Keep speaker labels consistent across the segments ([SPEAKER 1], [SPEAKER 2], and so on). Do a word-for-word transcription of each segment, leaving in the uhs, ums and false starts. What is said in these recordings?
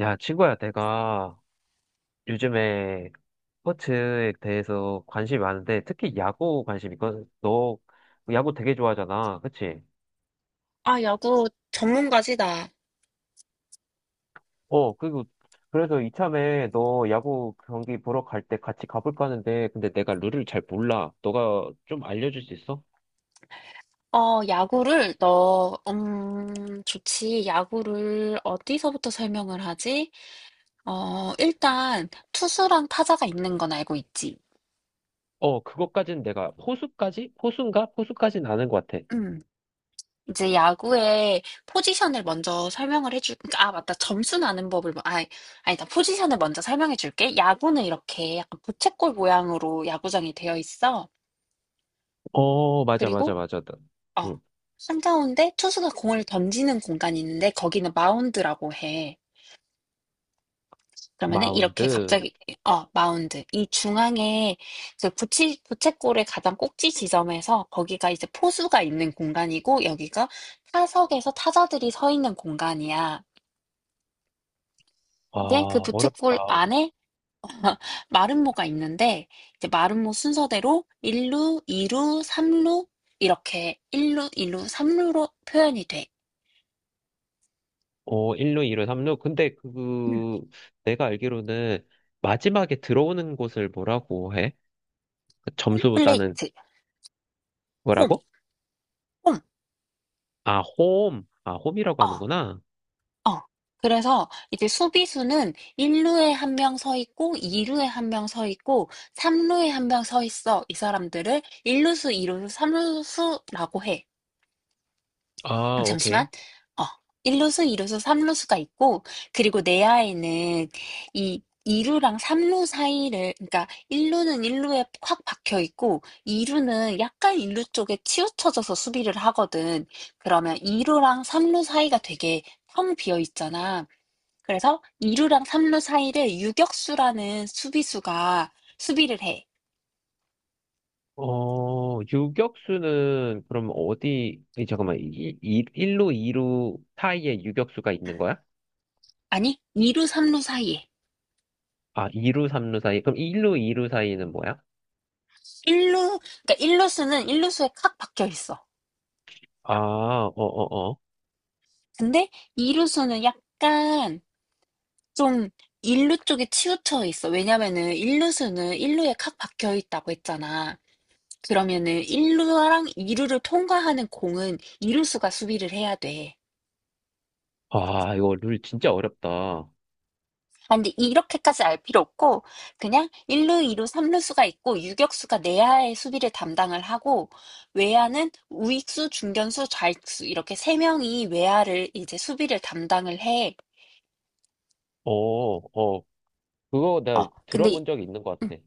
[SPEAKER 1] 야, 친구야, 내가 요즘에 스포츠에 대해서 관심이 많은데, 특히 야구 관심이 있거든. 너 야구 되게 좋아하잖아. 그치?
[SPEAKER 2] 아, 야구 전문가시다.
[SPEAKER 1] 어, 그리고, 그래서 이참에 너 야구 경기 보러 갈 때 같이 가볼까 하는데, 근데 내가 룰을 잘 몰라. 너가 좀 알려줄 수 있어?
[SPEAKER 2] 어, 야구를 너, 음, 좋지. 야구를 어디서부터 설명을 하지? 어, 일단 투수랑 타자가 있는 건 알고 있지.
[SPEAKER 1] 어, 그것까지는 내가, 포수까지? 포수인가? 포수까지는 아는 것 같아.
[SPEAKER 2] 음. 이제 야구의 포지션을 먼저 설명을 해줄, 그러니까, 아, 맞다. 점수 나는 법을, 뭐- 아, 아니다. 포지션을 먼저 설명해 줄게. 야구는 이렇게 약간 부채꼴 모양으로 야구장이 되어 있어.
[SPEAKER 1] 어, 맞아, 맞아,
[SPEAKER 2] 그리고,
[SPEAKER 1] 맞아. 나-
[SPEAKER 2] 어,
[SPEAKER 1] 응.
[SPEAKER 2] 한가운데 투수가 공을 던지는 공간이 있는데 거기는 마운드라고 해. 그러면은 이렇게
[SPEAKER 1] 마운드.
[SPEAKER 2] 갑자기 어 마운드 이 중앙에 그 부채 부채꼴의 가장 꼭지 지점에서 거기가 이제 포수가 있는 공간이고 여기가 타석에서 타자들이 서 있는 공간이야.
[SPEAKER 1] 아,
[SPEAKER 2] 이제 그 부채꼴
[SPEAKER 1] 어렵다.
[SPEAKER 2] 안에 마름모가 있는데 이제 마름모 순서대로 일 루, 이 루, 삼 루, 이렇게 일 루, 이 루, 삼 루로 표현이 돼.
[SPEAKER 1] 어, 일루, 이루, 삼루. 근데
[SPEAKER 2] 음,
[SPEAKER 1] 그, 내가 알기로는 마지막에 들어오는 곳을 뭐라고 해? 그 점수 따는
[SPEAKER 2] 홈플레이트, 홈,
[SPEAKER 1] 거라고?
[SPEAKER 2] 홈.
[SPEAKER 1] 아, 홈. 아, 홈이라고
[SPEAKER 2] 어
[SPEAKER 1] 하는구나.
[SPEAKER 2] 어. 그래서 이제 수비수는 일 루에 한 명 서 있고 이 루에 한 명 서 있고 삼 루에 한 명 서 있어. 이 사람들을 일 루수, 이 루수, 삼 루수라고 해.
[SPEAKER 1] 아,
[SPEAKER 2] 어, 잠시만.
[SPEAKER 1] 오케이.
[SPEAKER 2] 어. 일 루수, 이 루수, 삼 루수가 있고 그리고 내야에는 이 2 루랑 삼 루 사이를, 그러니까 일 루는 일 루에 확 박혀 있고 이 루는 약간 일 루 쪽에 치우쳐져서 수비를 하거든. 그러면 이 루랑 삼 루 사이가 되게 텅 비어 있잖아. 그래서 이 루랑 삼 루 사이를 유격수라는 수비수가 수비를 해.
[SPEAKER 1] 어, 유격수는 그럼 어디, 이, 잠깐만, 일루, 이루 사이에 유격수가 있는 거야?
[SPEAKER 2] 아니, 이 루, 삼 루 사이에.
[SPEAKER 1] 아, 이루, 삼루 사이. 그럼 일루, 이루 사이는 뭐야?
[SPEAKER 2] 일 루, 그러니까 일루수는 일 루수에 칵 박혀 있어.
[SPEAKER 1] 아, 어, 어, 어.
[SPEAKER 2] 근데 이 루수는 약간 좀 일 루 쪽에 치우쳐 있어. 왜냐면은 일 루수는 일 루에 칵 박혀 있다고 했잖아. 그러면은 일 루랑 이 루를 통과하는 공은 이 루수가 수비를 해야 돼.
[SPEAKER 1] 아, 이거 룰 진짜 어렵다. 어,
[SPEAKER 2] 아, 근데 이렇게까지 알 필요 없고, 그냥 일 루, 이 루, 삼 루수가 있고, 유격수가 내야의 수비를 담당을 하고, 외야는 우익수, 중견수, 좌익수, 이렇게 세 명이 외야를 이제 수비를 담당을 해.
[SPEAKER 1] 어. 그거
[SPEAKER 2] 어,
[SPEAKER 1] 내가
[SPEAKER 2] 근데, 이-
[SPEAKER 1] 들어본 적이 있는 것
[SPEAKER 2] 음,
[SPEAKER 1] 같아.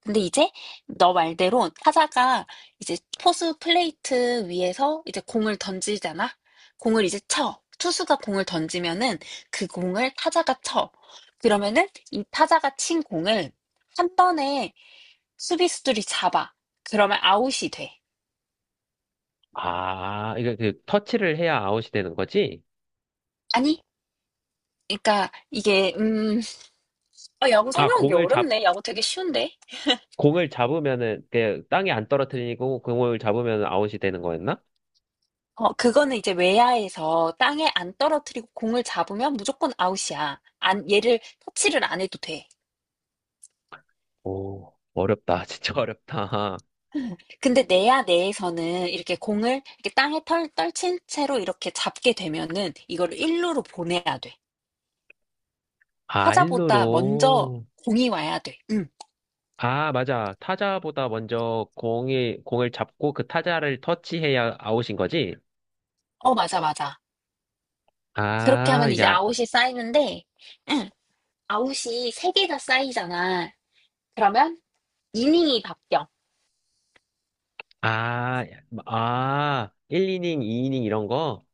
[SPEAKER 2] 근데 이제 너 말대로 타자가 이제 포수 플레이트 위에서 이제 공을 던지잖아? 공을 이제 쳐. 투수가 공을 던지면은 그 공을 타자가 쳐. 그러면은 이 타자가 친 공을 한 번에 수비수들이 잡아. 그러면 아웃이 돼.
[SPEAKER 1] 아, 이거 그 터치를 해야 아웃이 되는 거지?
[SPEAKER 2] 아니, 그러니까 이게, 음, 어, 야구
[SPEAKER 1] 아,
[SPEAKER 2] 설명하기
[SPEAKER 1] 공을 잡,
[SPEAKER 2] 어렵네. 야구 되게 쉬운데.
[SPEAKER 1] 공을 잡으면은, 그, 땅에 안 떨어뜨리고, 공을 잡으면 아웃이 되는 거였나?
[SPEAKER 2] 어, 그거는 이제 외야에서 땅에 안 떨어뜨리고 공을 잡으면 무조건 아웃이야. 안, 얘를 터치를 안 해도 돼.
[SPEAKER 1] 오, 어렵다. 진짜 어렵다.
[SPEAKER 2] 근데 내야 내에서는 이렇게 공을 이렇게 땅에 털, 떨친 채로 이렇게 잡게 되면은 이거를 일루로 보내야 돼.
[SPEAKER 1] 아,
[SPEAKER 2] 타자보다 먼저
[SPEAKER 1] 일루로.
[SPEAKER 2] 공이 와야 돼. 응.
[SPEAKER 1] 아, 맞아. 타자보다 먼저 공이, 공을 잡고 그 타자를 터치해야 아웃인 거지?
[SPEAKER 2] 어, 맞아, 맞아. 그렇게
[SPEAKER 1] 아,
[SPEAKER 2] 하면
[SPEAKER 1] 이제,
[SPEAKER 2] 이제
[SPEAKER 1] 아,
[SPEAKER 2] 아웃이 쌓이는데, 응, 아웃이 세 개 다 쌓이잖아. 그러면 이닝이 바뀌어.
[SPEAKER 1] 아, 아, 일 이닝, 이 이닝 이런 거?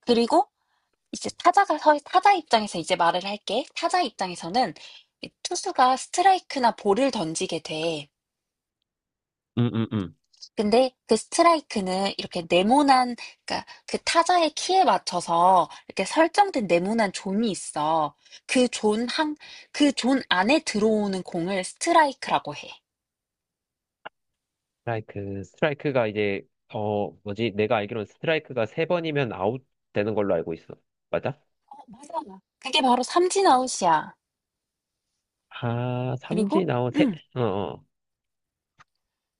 [SPEAKER 2] 그리고 이제 타자가 서, 타자 입장에서 이제 말을 할게. 타자 입장에서는 이 투수가 스트라이크나 볼을 던지게 돼.
[SPEAKER 1] 음, 음, 음.
[SPEAKER 2] 근데 그 스트라이크는 이렇게 네모난, 그러니까 그 타자의 키에 맞춰서 이렇게 설정된 네모난 존이 있어. 그 존 한, 그 존 안에 들어오는 공을 스트라이크라고 해.
[SPEAKER 1] 스트라이크, 스트라이크가 이제, 어, 뭐지? 내가 알기로는 스트라이크가 세 번이면 아웃 되는 걸로 알고 있어. 맞아?
[SPEAKER 2] 어, 맞아. 그게 바로 삼진 아웃이야.
[SPEAKER 1] 아,
[SPEAKER 2] 그리고,
[SPEAKER 1] 삼진 아웃 세,
[SPEAKER 2] 음.
[SPEAKER 1] 어, 어.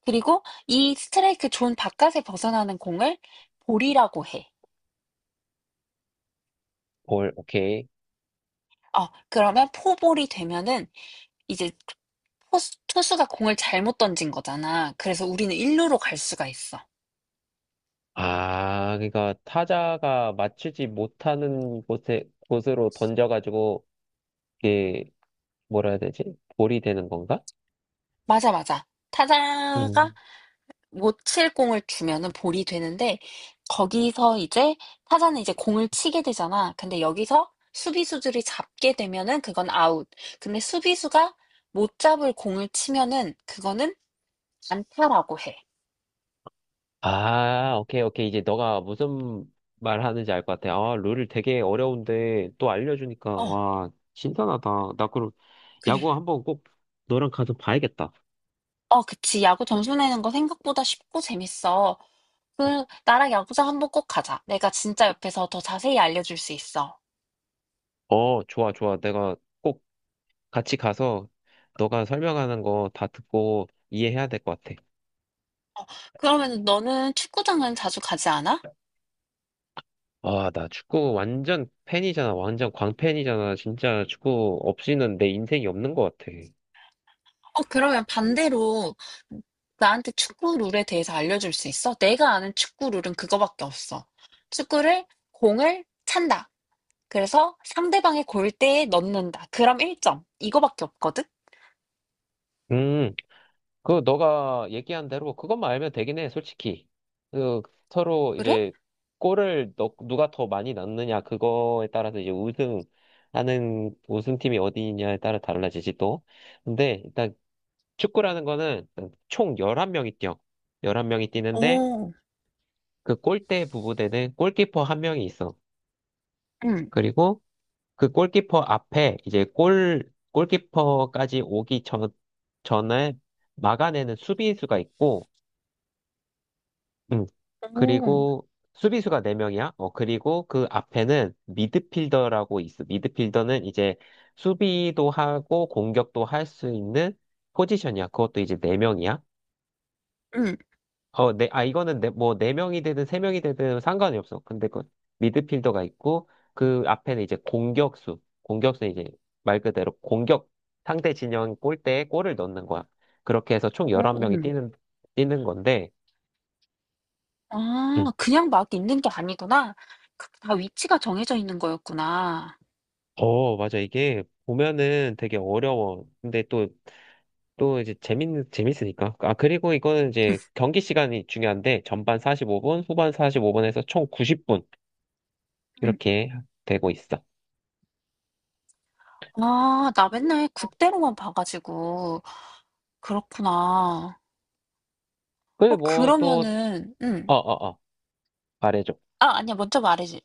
[SPEAKER 2] 그리고 이 스트라이크 존 바깥에 벗어나는 공을 볼이라고 해.
[SPEAKER 1] 볼, 오케이.
[SPEAKER 2] 어, 그러면 포볼이 되면은 이제 포수- 투수가 공을 잘못 던진 거잖아. 그래서 우리는 일루로 갈 수가 있어.
[SPEAKER 1] 아, 그러니까 타자가 맞추지 못하는 곳에, 곳으로 던져가지고, 이게, 뭐라 해야 되지? 볼이 되는 건가?
[SPEAKER 2] 맞아, 맞아. 타자가
[SPEAKER 1] 음.
[SPEAKER 2] 못칠 공을 주면은 볼이 되는데, 거기서 이제 타자는 이제 공을 치게 되잖아. 근데 여기서 수비수들이 잡게 되면은 그건 아웃. 근데 수비수가 못 잡을 공을 치면은 그거는 안타라고 해.
[SPEAKER 1] 아, 오케이, 오케이. 이제 너가 무슨 말 하는지 알 것 같아. 아, 룰을 되게 어려운데 또 알려주니까,
[SPEAKER 2] 어.
[SPEAKER 1] 와, 신선하다. 나 그럼
[SPEAKER 2] 그래.
[SPEAKER 1] 야구 한번 꼭 너랑 가서 봐야겠다.
[SPEAKER 2] 어, 그치. 야구 점수 내는 거 생각보다 쉽고 재밌어. 그, 나랑 야구장 한번 꼭 가자. 내가 진짜 옆에서 더 자세히 알려줄 수 있어.
[SPEAKER 1] 어, 좋아, 좋아. 내가 꼭 같이 가서 너가 설명하는 거 다 듣고 이해해야 될 것 같아.
[SPEAKER 2] 어, 그러면 너는 축구장은 자주 가지 않아?
[SPEAKER 1] 아, 나 축구 완전 팬이잖아. 완전 광팬이잖아. 진짜 축구 없이는 내 인생이 없는 것 같아.
[SPEAKER 2] 어, 그러면 반대로 나한테 축구 룰에 대해서 알려줄 수 있어? 내가 아는 축구 룰은 그거밖에 없어. 축구를, 공을 찬다. 그래서 상대방의 골대에 넣는다. 그럼 일 점. 이거밖에 없거든?
[SPEAKER 1] 음. 그 너가 얘기한 대로 그것만 알면 되긴 해, 솔직히. 그 서로
[SPEAKER 2] 그래?
[SPEAKER 1] 이제 골을 넣- 누가 더 많이 넣느냐 그거에 따라서 이제 우승하는 우승팀이 어디냐에 따라 달라지지 또. 근데 일단 축구라는 거는 총 열한 명이 뛰어. 열한 명이 뛰는데
[SPEAKER 2] 오,
[SPEAKER 1] 그 골대 부부대는 골키퍼 한 명이 있어.
[SPEAKER 2] 응,
[SPEAKER 1] 그리고 그 골키퍼 앞에 이제 골 골키퍼까지 오기 전 전에 막아내는 수비수가 있고 응.
[SPEAKER 2] 오,
[SPEAKER 1] 그리고 수비수가 네 명이야. 어, 그리고 그 앞에는 미드필더라고 있어. 미드필더는 이제 수비도 하고 공격도 할 수 있는 포지션이야. 그것도 이제 네 명이야.
[SPEAKER 2] 응,
[SPEAKER 1] 어, 네, 아, 이거는 네, 뭐 네 명이 되든 세 명이 되든 상관이 없어. 근데 그 미드필더가 있고 그 앞에는 이제 공격수. 공격수는 이제 말 그대로 공격 상대 진영 골대에 골을 넣는 거야. 그렇게 해서 총
[SPEAKER 2] 오.
[SPEAKER 1] 열한 명이
[SPEAKER 2] 응.
[SPEAKER 1] 뛰는, 뛰는 건데,
[SPEAKER 2] 아,
[SPEAKER 1] 응.
[SPEAKER 2] 그냥 막 있는 게 아니구나. 그다 위치가 정해져 있는 거였구나.
[SPEAKER 1] 어, 맞아. 이게 보면은 되게 어려워. 근데 또, 또 이제 재밌, 재밌으니까. 아, 그리고 이거는 이제 경기 시간이 중요한데, 전반 사십오 분, 후반 사십오 분에서 총 구십 분.
[SPEAKER 2] 음.
[SPEAKER 1] 이렇게 되고 있어.
[SPEAKER 2] 아, 나 맨날 국대로만 봐 가지고 그렇구나.
[SPEAKER 1] 그래,
[SPEAKER 2] 어
[SPEAKER 1] 뭐 또,
[SPEAKER 2] 그러면은
[SPEAKER 1] 어,
[SPEAKER 2] 음.
[SPEAKER 1] 어, 어, 말해줘.
[SPEAKER 2] 아, 아니야. 먼저 말해줘.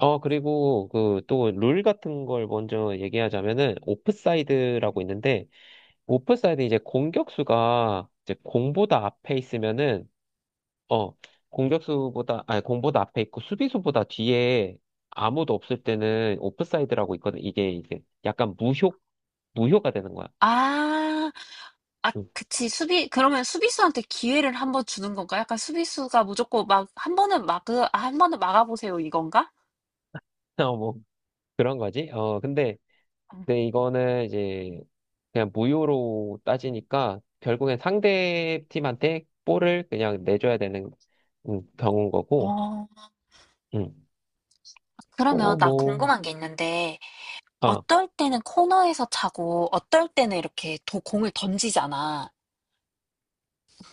[SPEAKER 1] 어, 그리고 그 또 룰 같은 걸 먼저 얘기하자면은, 오프사이드라고 있는데, 오프사이드 이제 공격수가 이제 공보다 앞에 있으면은 어, 공격수보다, 아니, 공보다 앞에 있고 수비수보다 뒤에 아무도 없을 때는 오프사이드라고 있거든. 이게 이제 약간 무효, 무효가 되는 거야.
[SPEAKER 2] 아. 아,
[SPEAKER 1] 음.
[SPEAKER 2] 그치. 수비 그러면 수비수한테 기회를 한번 주는 건가? 약간 수비수가 무조건 막 한 번은, 막 '아, 한 번은 막아 보세요.' 이건가?
[SPEAKER 1] 어, 뭐, 그런 거지. 어, 근데,
[SPEAKER 2] 음.
[SPEAKER 1] 근데 이거는 이제 그냥 무효로 따지니까 결국엔 상대 팀한테 볼을 그냥 내줘야 되는 음, 경우인 거고,
[SPEAKER 2] 어.
[SPEAKER 1] 음. 어,
[SPEAKER 2] 그러면 나
[SPEAKER 1] 뭐,
[SPEAKER 2] 궁금한 게 있는데,
[SPEAKER 1] 아,
[SPEAKER 2] 어떨 때는 코너에서 차고 어떨 때는 이렇게 도 공을 던지잖아.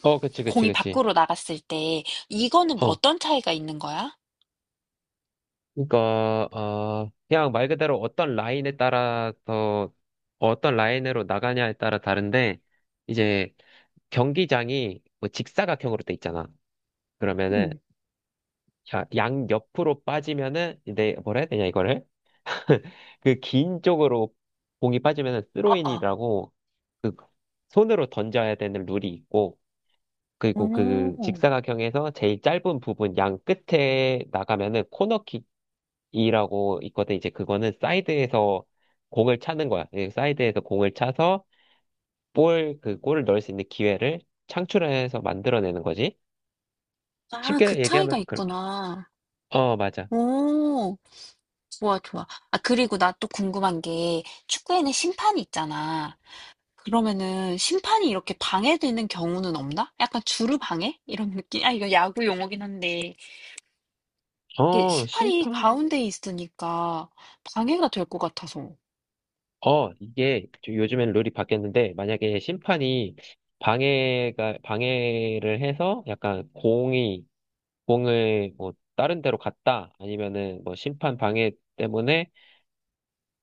[SPEAKER 1] 어, 그치, 그치,
[SPEAKER 2] 공이
[SPEAKER 1] 그치.
[SPEAKER 2] 밖으로 나갔을 때, 이거는 뭐
[SPEAKER 1] 어.
[SPEAKER 2] 어떤 차이가 있는 거야?
[SPEAKER 1] 그러니까 어 그냥 말 그대로 어떤 라인에 따라서 어떤 라인으로 나가냐에 따라 다른데 이제 경기장이 뭐 직사각형으로 돼 있잖아. 그러면은
[SPEAKER 2] 음.
[SPEAKER 1] 야- 양 옆으로 빠지면은 내 뭐라 해야 되냐 이거를 그 긴 쪽으로 공이 빠지면은
[SPEAKER 2] 어어.
[SPEAKER 1] 스로인이라고 그 손으로 던져야 되는 룰이 있고 그리고 그
[SPEAKER 2] 오.
[SPEAKER 1] 직사각형에서 제일 짧은 부분 양 끝에 나가면은 코너킥이라고 있거든. 이제 그거는 사이드에서 공을 차는 거야. 예, 사이드에서 공을 차서 볼, 그 골을 넣을 수 있는 기회를 창출해서 만들어내는 거지.
[SPEAKER 2] 아, 그
[SPEAKER 1] 쉽게
[SPEAKER 2] 차이가
[SPEAKER 1] 얘기하면 그렇게.
[SPEAKER 2] 있구나.
[SPEAKER 1] 어, 맞아.
[SPEAKER 2] 오. 좋아, 좋아. 아, 그리고 나 또 궁금한 게, 축구에는 심판이 있잖아. 그러면은 심판이 이렇게 방해되는 경우는 없나? 약간 주루 방해? 이런 느낌? 아, 이거 야구 용어긴 한데. 이게
[SPEAKER 1] 어,
[SPEAKER 2] 심판이
[SPEAKER 1] 심판?
[SPEAKER 2] 가운데 있으니까 방해가 될 것 같아서.
[SPEAKER 1] 어, 이게 요즘엔 룰이 바뀌었는데, 만약에 심판이 방해가, 방해를 해서 약간 공이, 공을 뭐 다른 데로 갔다, 아니면은 뭐 심판 방해 때문에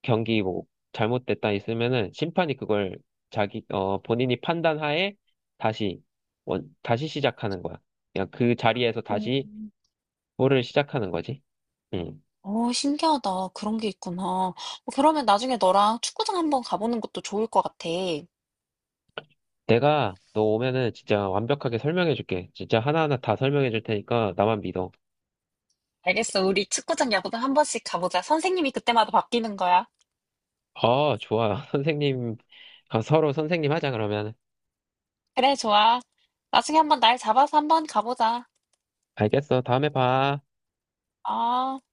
[SPEAKER 1] 경기 뭐 잘못됐다 있으면은 심판이 그걸 자기, 어, 본인이 판단하에 다시, 원, 다시 시작하는 거야. 그냥 그 자리에서
[SPEAKER 2] 어.
[SPEAKER 1] 다시 볼을 시작하는 거지. 음.
[SPEAKER 2] 어, 신기하다. 그런 게 있구나. 어, 그러면 나중에 너랑 축구장 한번 가보는 것도 좋을 것 같아.
[SPEAKER 1] 내가 너 오면은 진짜 완벽하게 설명해 줄게. 진짜 하나하나 다 설명해 줄 테니까 나만 믿어.
[SPEAKER 2] 알겠어. 우리 축구장 야구장 한 번씩 가보자. 선생님이 그때마다 바뀌는 거야.
[SPEAKER 1] 아, 좋아. 선생님, 아, 서로 선생님 하자, 그러면.
[SPEAKER 2] 그래, 좋아. 나중에 한번 날 잡아서 한번 가보자.
[SPEAKER 1] 알겠어. 다음에 봐.
[SPEAKER 2] 아.